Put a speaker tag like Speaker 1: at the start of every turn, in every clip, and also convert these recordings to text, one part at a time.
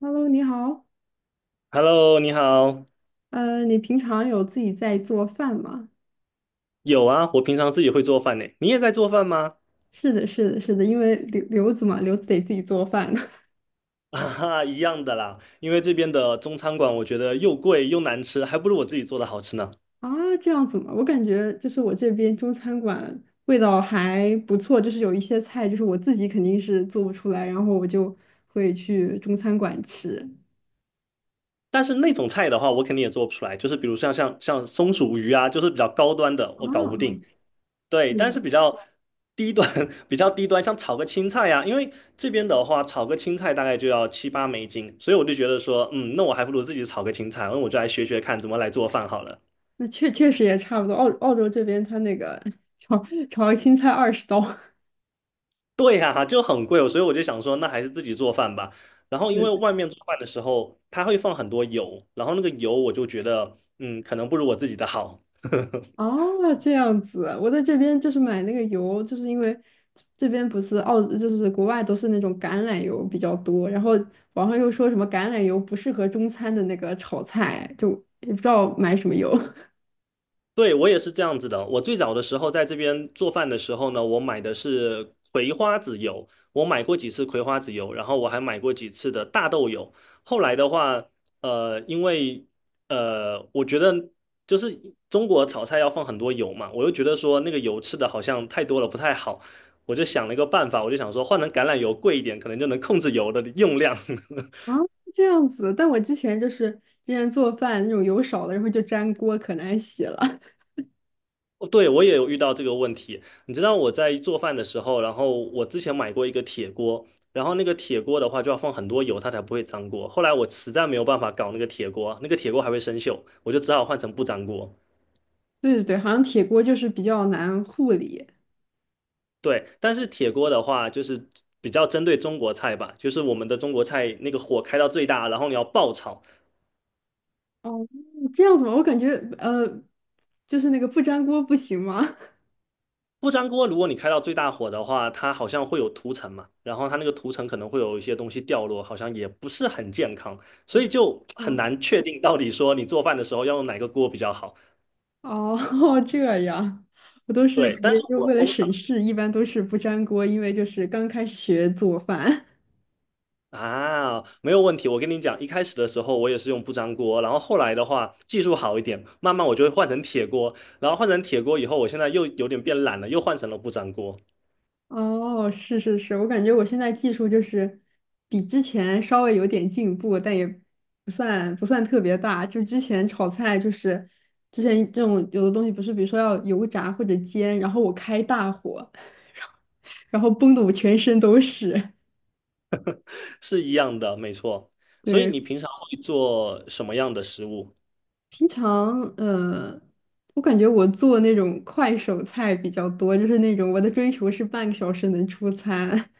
Speaker 1: Hello，你好。
Speaker 2: Hello，你好。
Speaker 1: 你平常有自己在做饭吗？
Speaker 2: 有啊，我平常自己会做饭呢。你也在做饭吗？
Speaker 1: 是的，是的，是的，因为留子嘛，留子得自己做饭
Speaker 2: 啊哈，一样的啦。因为这边的中餐馆，我觉得又贵又难吃，还不如我自己做的好吃呢。
Speaker 1: 啊，这样子嘛。我感觉就是我这边中餐馆味道还不错，就是有一些菜就是我自己肯定是做不出来，然后我就会去中餐馆吃。
Speaker 2: 但是那种菜的话，我肯定也做不出来。就是比如像松鼠鱼啊，就是比较高端的，我
Speaker 1: 啊，
Speaker 2: 搞不定。对，但
Speaker 1: 嗯，
Speaker 2: 是比较低端，比较低端，像炒个青菜呀、因为这边的话，炒个青菜大概就要七八美金，所以我就觉得说，嗯，那我还不如自己炒个青菜，那我就来学学看怎么来做饭好了。
Speaker 1: 那确实也差不多。澳洲这边它那个 炒炒个青菜二十刀。
Speaker 2: 对呀、就很贵哦，所以我就想说，那还是自己做饭吧。然后因为外面做饭的时候，它会放很多油，然后那个油我就觉得，嗯，可能不如我自己的好。
Speaker 1: 哦，这样子，我在这边就是买那个油，就是因为这边不是澳，就是国外都是那种橄榄油比较多，然后网上又说什么橄榄油不适合中餐的那个炒菜，就也不知道买什么油
Speaker 2: 对，我也是这样子的。我最早的时候在这边做饭的时候呢，我买的是葵花籽油，我买过几次葵花籽油，然后我还买过几次的大豆油。后来的话，因为我觉得就是中国炒菜要放很多油嘛，我又觉得说那个油吃的好像太多了不太好，我就想了一个办法，我就想说换成橄榄油贵一点，可能就能控制油的用量。
Speaker 1: 啊，这样子。但我之前就是之前做饭那种油少了，然后就粘锅，可难洗了。
Speaker 2: 哦对，我也有遇到这个问题。你知道我在做饭的时候，然后我之前买过一个铁锅，然后那个铁锅的话就要放很多油，它才不会粘锅。后来我实在没有办法搞那个铁锅，那个铁锅还会生锈，我就只好换成不粘锅。
Speaker 1: 对对对，好像铁锅就是比较难护理。
Speaker 2: 对，但是铁锅的话就是比较针对中国菜吧，就是我们的中国菜那个火开到最大，然后你要爆炒，
Speaker 1: 哦，这样子吗？我感觉就是那个不粘锅不行吗？
Speaker 2: 不粘锅，如果你开到最大火的话，它好像会有涂层嘛，然后它那个涂层可能会有一些东西掉落，好像也不是很健康，所以就
Speaker 1: 这
Speaker 2: 很
Speaker 1: 样。
Speaker 2: 难确定到底说你做饭的时候要用哪个锅比较好。
Speaker 1: 哦，这样，我都是
Speaker 2: 对，
Speaker 1: 感
Speaker 2: 但
Speaker 1: 觉
Speaker 2: 是
Speaker 1: 就
Speaker 2: 我
Speaker 1: 为了
Speaker 2: 通常
Speaker 1: 省事，一般都是不粘锅，因为就是刚开始学做饭。
Speaker 2: 啊没有问题，我跟你讲，一开始的时候我也是用不粘锅，然后后来的话技术好一点，慢慢我就会换成铁锅，然后换成铁锅以后，我现在又有点变懒了，又换成了不粘锅，
Speaker 1: 哦，是是是，我感觉我现在技术就是比之前稍微有点进步，但也不算特别大。就之前炒菜，就是之前这种有的东西不是，比如说要油炸或者煎，然后我开大火，然后崩的我全身都是。
Speaker 2: 是一样的，没错。所以
Speaker 1: 对。
Speaker 2: 你平常会做什么样的食物？
Speaker 1: 平常我感觉我做那种快手菜比较多，就是那种我的追求是半个小时能出餐。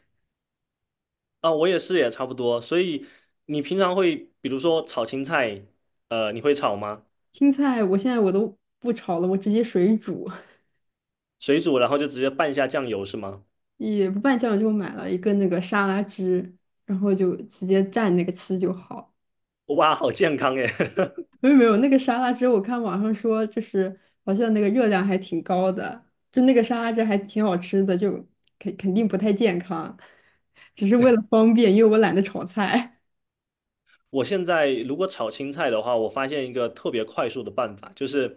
Speaker 2: 啊，我也是，也差不多。所以你平常会，比如说炒青菜，你会炒吗？
Speaker 1: 青菜我现在我都不炒了，我直接水煮，
Speaker 2: 水煮，然后就直接拌一下酱油是吗？
Speaker 1: 也不拌酱，就买了一个那个沙拉汁，然后就直接蘸那个吃就好。
Speaker 2: 哇，好健康耶！
Speaker 1: 没有没有，那个沙拉汁我看网上说就是好像那个热量还挺高的，就那个沙拉汁还挺好吃的，就肯定不太健康，只是为了方便，因为我懒得炒菜。
Speaker 2: 我现在如果炒青菜的话，我发现一个特别快速的办法，就是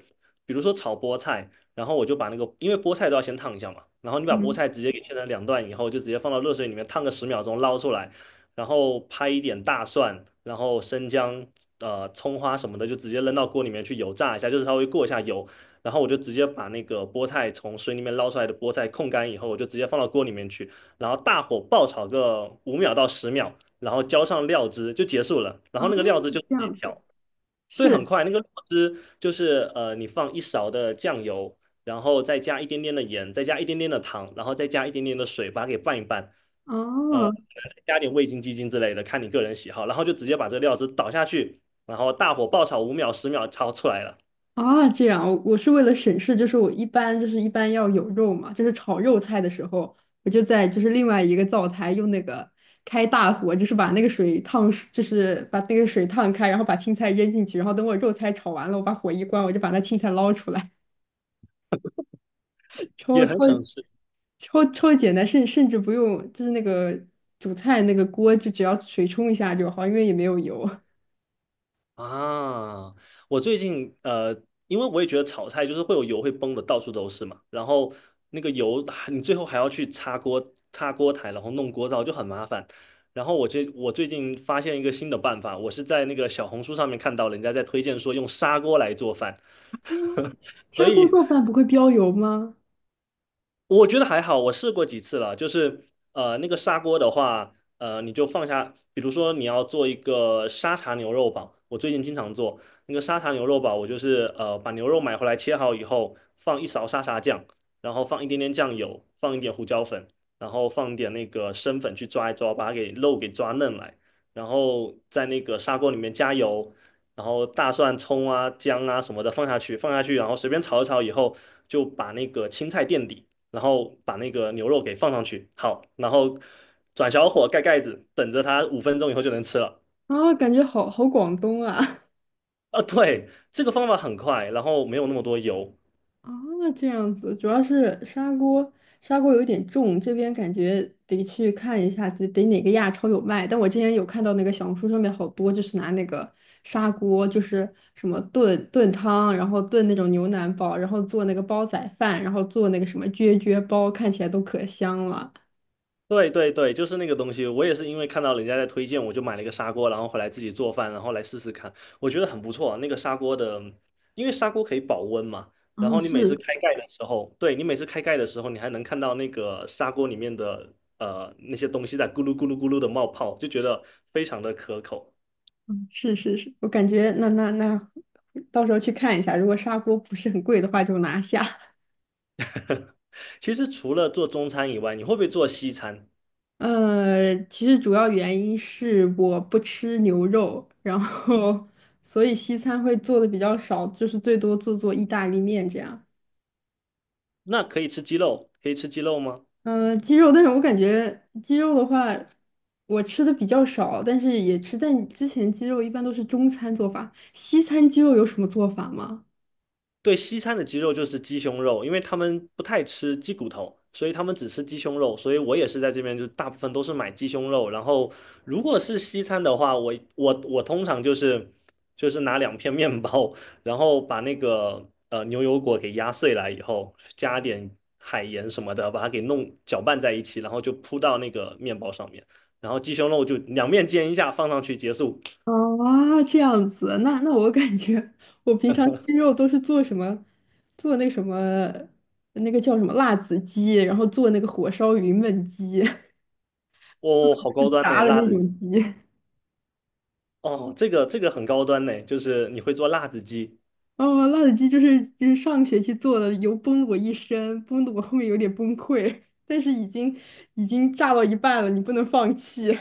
Speaker 2: 比如说炒菠菜，然后我就把那个，因为菠菜都要先烫一下嘛，然后你把菠菜 直接给切成两段以后，就直接放到热水里面烫个10秒钟，捞出来，然后拍一点大蒜，然后生姜、葱花什么的，就直接扔到锅里面去油炸一下，就是稍微过一下油，然后我就直接把那个菠菜从水里面捞出来的菠菜控干以后，我就直接放到锅里面去，然后大火爆炒个5秒到10秒。然后浇上料汁就结束了。然
Speaker 1: 哦，
Speaker 2: 后那个料汁就自
Speaker 1: 这
Speaker 2: 己
Speaker 1: 样子
Speaker 2: 调，对，很
Speaker 1: 是
Speaker 2: 快。那个料汁就是你放一勺的酱油，然后再加一点点的盐，再加一点点的糖，然后再加一点点的水，把它给拌一拌。呃，
Speaker 1: 哦
Speaker 2: 再加点味精、鸡精之类的，看你个人喜好。然后就直接把这个料汁倒下去，然后大火爆炒五秒、十秒，炒出来了，
Speaker 1: 啊，这样我我是为了省事，就是我一般就是一般要有肉嘛，就是炒肉菜的时候，我就在就是另外一个灶台用那个开大火，就是把那个水烫熟，就是把那个水烫开，然后把青菜扔进去，然后等我肉菜炒完了，我把火一关，我就把那青菜捞出来，超
Speaker 2: 也
Speaker 1: 超
Speaker 2: 很省事。
Speaker 1: 超简单，甚至不用就是那个煮菜那个锅，就只要水冲一下就好，因为也没有油。
Speaker 2: 啊，我最近因为我也觉得炒菜就是会有油会崩的，到处都是嘛。然后那个油，你最后还要去擦锅、擦锅台，然后弄锅灶就很麻烦。然后我最近发现一个新的办法，我是在那个小红书上面看到人家在推荐说用砂锅来做饭，
Speaker 1: 砂
Speaker 2: 所
Speaker 1: 锅
Speaker 2: 以
Speaker 1: 做饭不会飙油吗？
Speaker 2: 我觉得还好，我试过几次了，就是那个砂锅的话，你就放下，比如说你要做一个沙茶牛肉堡，我最近经常做那个沙茶牛肉堡，我就是把牛肉买回来切好以后，放一勺沙茶酱，然后放一点点酱油，放一点胡椒粉，然后放一点那个生粉去抓一抓，把它给肉给抓嫩来，然后在那个砂锅里面加油。然后大蒜、葱啊、姜啊什么的放下去，放下去，然后随便炒一炒以后，就把那个青菜垫底，然后把那个牛肉给放上去，好，然后转小火盖盖子，等着它5分钟以后就能吃了。
Speaker 1: 啊，感觉好好广东啊！
Speaker 2: 啊，对，这个方法很快，然后没有那么多油。
Speaker 1: 啊，这样子，主要是砂锅，砂锅有点重，这边感觉得去看一下，得哪个亚超有卖。但我之前有看到那个小红书上面好多，就是拿那个砂锅，就是什么炖汤，然后炖那种牛腩煲，然后做那个煲仔饭，然后做那个什么啫啫煲，看起来都可香了。
Speaker 2: 对对对，就是那个东西，我也是因为看到人家在推荐，我就买了一个砂锅，然后回来自己做饭，然后来试试看，我觉得很不错啊。那个砂锅的，因为砂锅可以保温嘛，然
Speaker 1: 啊，
Speaker 2: 后你每次
Speaker 1: 是
Speaker 2: 开盖的时候，对，你每次开盖的时候，你还能看到那个砂锅里面的那些东西在咕噜咕噜咕噜的冒泡，就觉得非常的可口。
Speaker 1: 是是是，我感觉那，到时候去看一下，如果砂锅不是很贵的话，就拿下。
Speaker 2: 其实除了做中餐以外，你会不会做西餐？
Speaker 1: 其实主要原因是我不吃牛肉，然后所以西餐会做的比较少，就是最多做做意大利面这样。
Speaker 2: 那可以吃鸡肉，可以吃鸡肉吗？
Speaker 1: 鸡肉，但是我感觉鸡肉的话，我吃的比较少，但是也吃。但之前鸡肉一般都是中餐做法，西餐鸡肉有什么做法吗？
Speaker 2: 对，西餐的鸡肉就是鸡胸肉，因为他们不太吃鸡骨头，所以他们只吃鸡胸肉。所以我也是在这边，就大部分都是买鸡胸肉。然后如果是西餐的话，我通常就是拿两片面包，然后把那个牛油果给压碎来以后，加点海盐什么的，把它给弄搅拌在一起，然后就铺到那个面包上面。然后鸡胸肉就两面煎一下，放上去结束。
Speaker 1: 啊，这样子，那那我感觉我平常鸡肉都是做什么，做那个什么，那个叫什么辣子鸡，然后做那个火烧云焖鸡，
Speaker 2: 哦，好高 端呢，
Speaker 1: 炸的
Speaker 2: 辣
Speaker 1: 那
Speaker 2: 子鸡。
Speaker 1: 种鸡。
Speaker 2: 哦，这个这个很高端呢，就是你会做辣子鸡。
Speaker 1: 哦，辣子鸡就是就是上学期做的，油崩了我一身，崩的我后面有点崩溃，但是已经炸到一半了，你不能放弃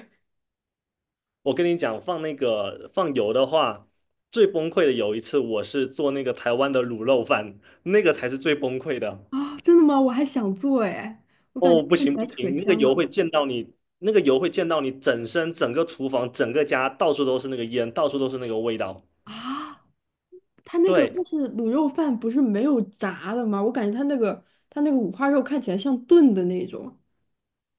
Speaker 2: 我跟你讲，放那个放油的话，最崩溃的有一次，我是做那个台湾的卤肉饭，那个才是最崩溃的。
Speaker 1: 啊！真的吗？我还想做哎，我感
Speaker 2: 哦，
Speaker 1: 觉
Speaker 2: 不
Speaker 1: 看起
Speaker 2: 行
Speaker 1: 来
Speaker 2: 不
Speaker 1: 可
Speaker 2: 行，那个
Speaker 1: 香
Speaker 2: 油
Speaker 1: 了
Speaker 2: 会溅到你，那个油会溅到你整身、整个厨房、整个家，到处都是那个烟，到处都是那个味道。
Speaker 1: 啊！它那个
Speaker 2: 对，
Speaker 1: 它是卤肉饭，不是没有炸的吗？我感觉它那个它那个五花肉看起来像炖的那种。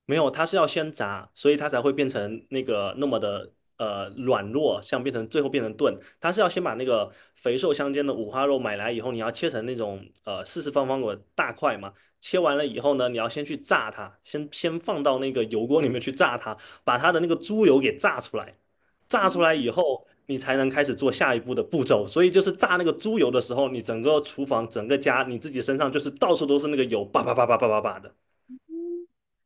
Speaker 2: 没有，它是要先炸，所以它才会变成那个那么的软弱，像变成最后变成炖。它是要先把那个肥瘦相间的五花肉买来以后，你要切成那种四四方方的大块嘛。切完了以后呢，你要先去炸它，先放到那个油锅里面去炸它，把它的那个猪油给炸出来。炸
Speaker 1: 啊，
Speaker 2: 出来以后，你才能开始做下一步的步骤。所以就是炸那个猪油的时候，你整个厨房、整个家，你自己身上就是到处都是那个油，叭叭叭叭叭叭叭的。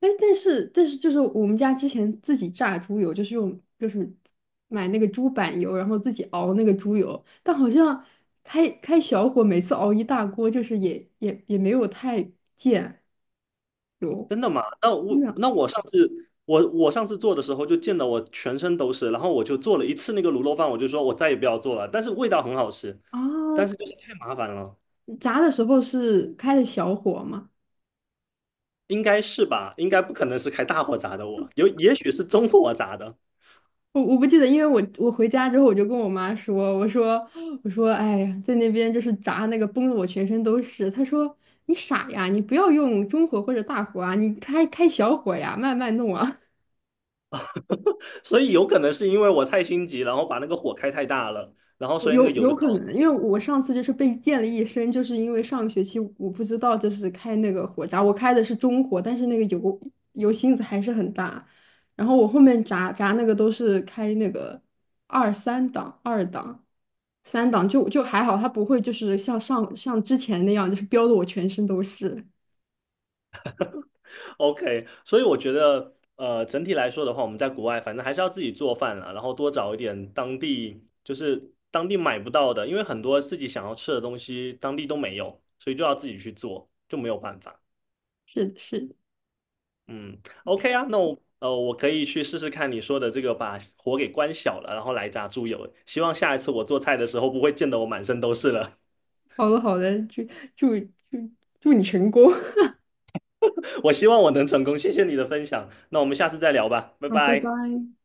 Speaker 1: 哎，但是就是我们家之前自己榨猪油，就是用就是买那个猪板油，然后自己熬那个猪油，但好像开小火，每次熬一大锅，就是也没有太溅油。
Speaker 2: 真的吗？那我
Speaker 1: 那
Speaker 2: 那我上次我我上次做的时候就溅得我全身都是，然后我就做了一次那个卤肉饭，我就说我再也不要做了，但是味道很好吃，
Speaker 1: 啊，
Speaker 2: 但是就是太麻烦了，
Speaker 1: 炸的时候是开的小火吗？
Speaker 2: 应该是吧？应该不可能是开大火炸的我，有也许是中火炸的，
Speaker 1: 我不记得，因为我回家之后我就跟我妈说，我说，哎呀，在那边就是炸那个崩的我全身都是。她说你傻呀，你不要用中火或者大火啊，你开小火呀，慢慢弄啊。
Speaker 2: 所以有可能是因为我太心急，然后把那个火开太大了，然后
Speaker 1: 有
Speaker 2: 所以那个
Speaker 1: 有
Speaker 2: 油就
Speaker 1: 有
Speaker 2: 倒
Speaker 1: 可能，因为我上次就是被溅了一身，就是因为上个学期我不知道就是开那个火闸，我开的是中火，但是那个油芯子还是很大，然后我后面炸那个都是开那个二三档、二档、三档，就就还好，它不会就是像上像之前那样，就是飙的我全身都是。
Speaker 2: OK，所以我觉得，整体来说的话，我们在国外反正还是要自己做饭了，然后多找一点当地，就是当地买不到的，因为很多自己想要吃的东西当地都没有，所以就要自己去做，就没有办法。
Speaker 1: 是是，
Speaker 2: 嗯，OK 啊，那我我可以去试试看你说的这个，把火给关小了，然后来炸猪油。希望下一次我做菜的时候不会溅得我满身都是了。
Speaker 1: 好的好的，祝祝祝你成功，
Speaker 2: 我希望我能成功，谢谢你的分享。那我们下次再聊吧，拜
Speaker 1: 好，拜
Speaker 2: 拜。
Speaker 1: 拜。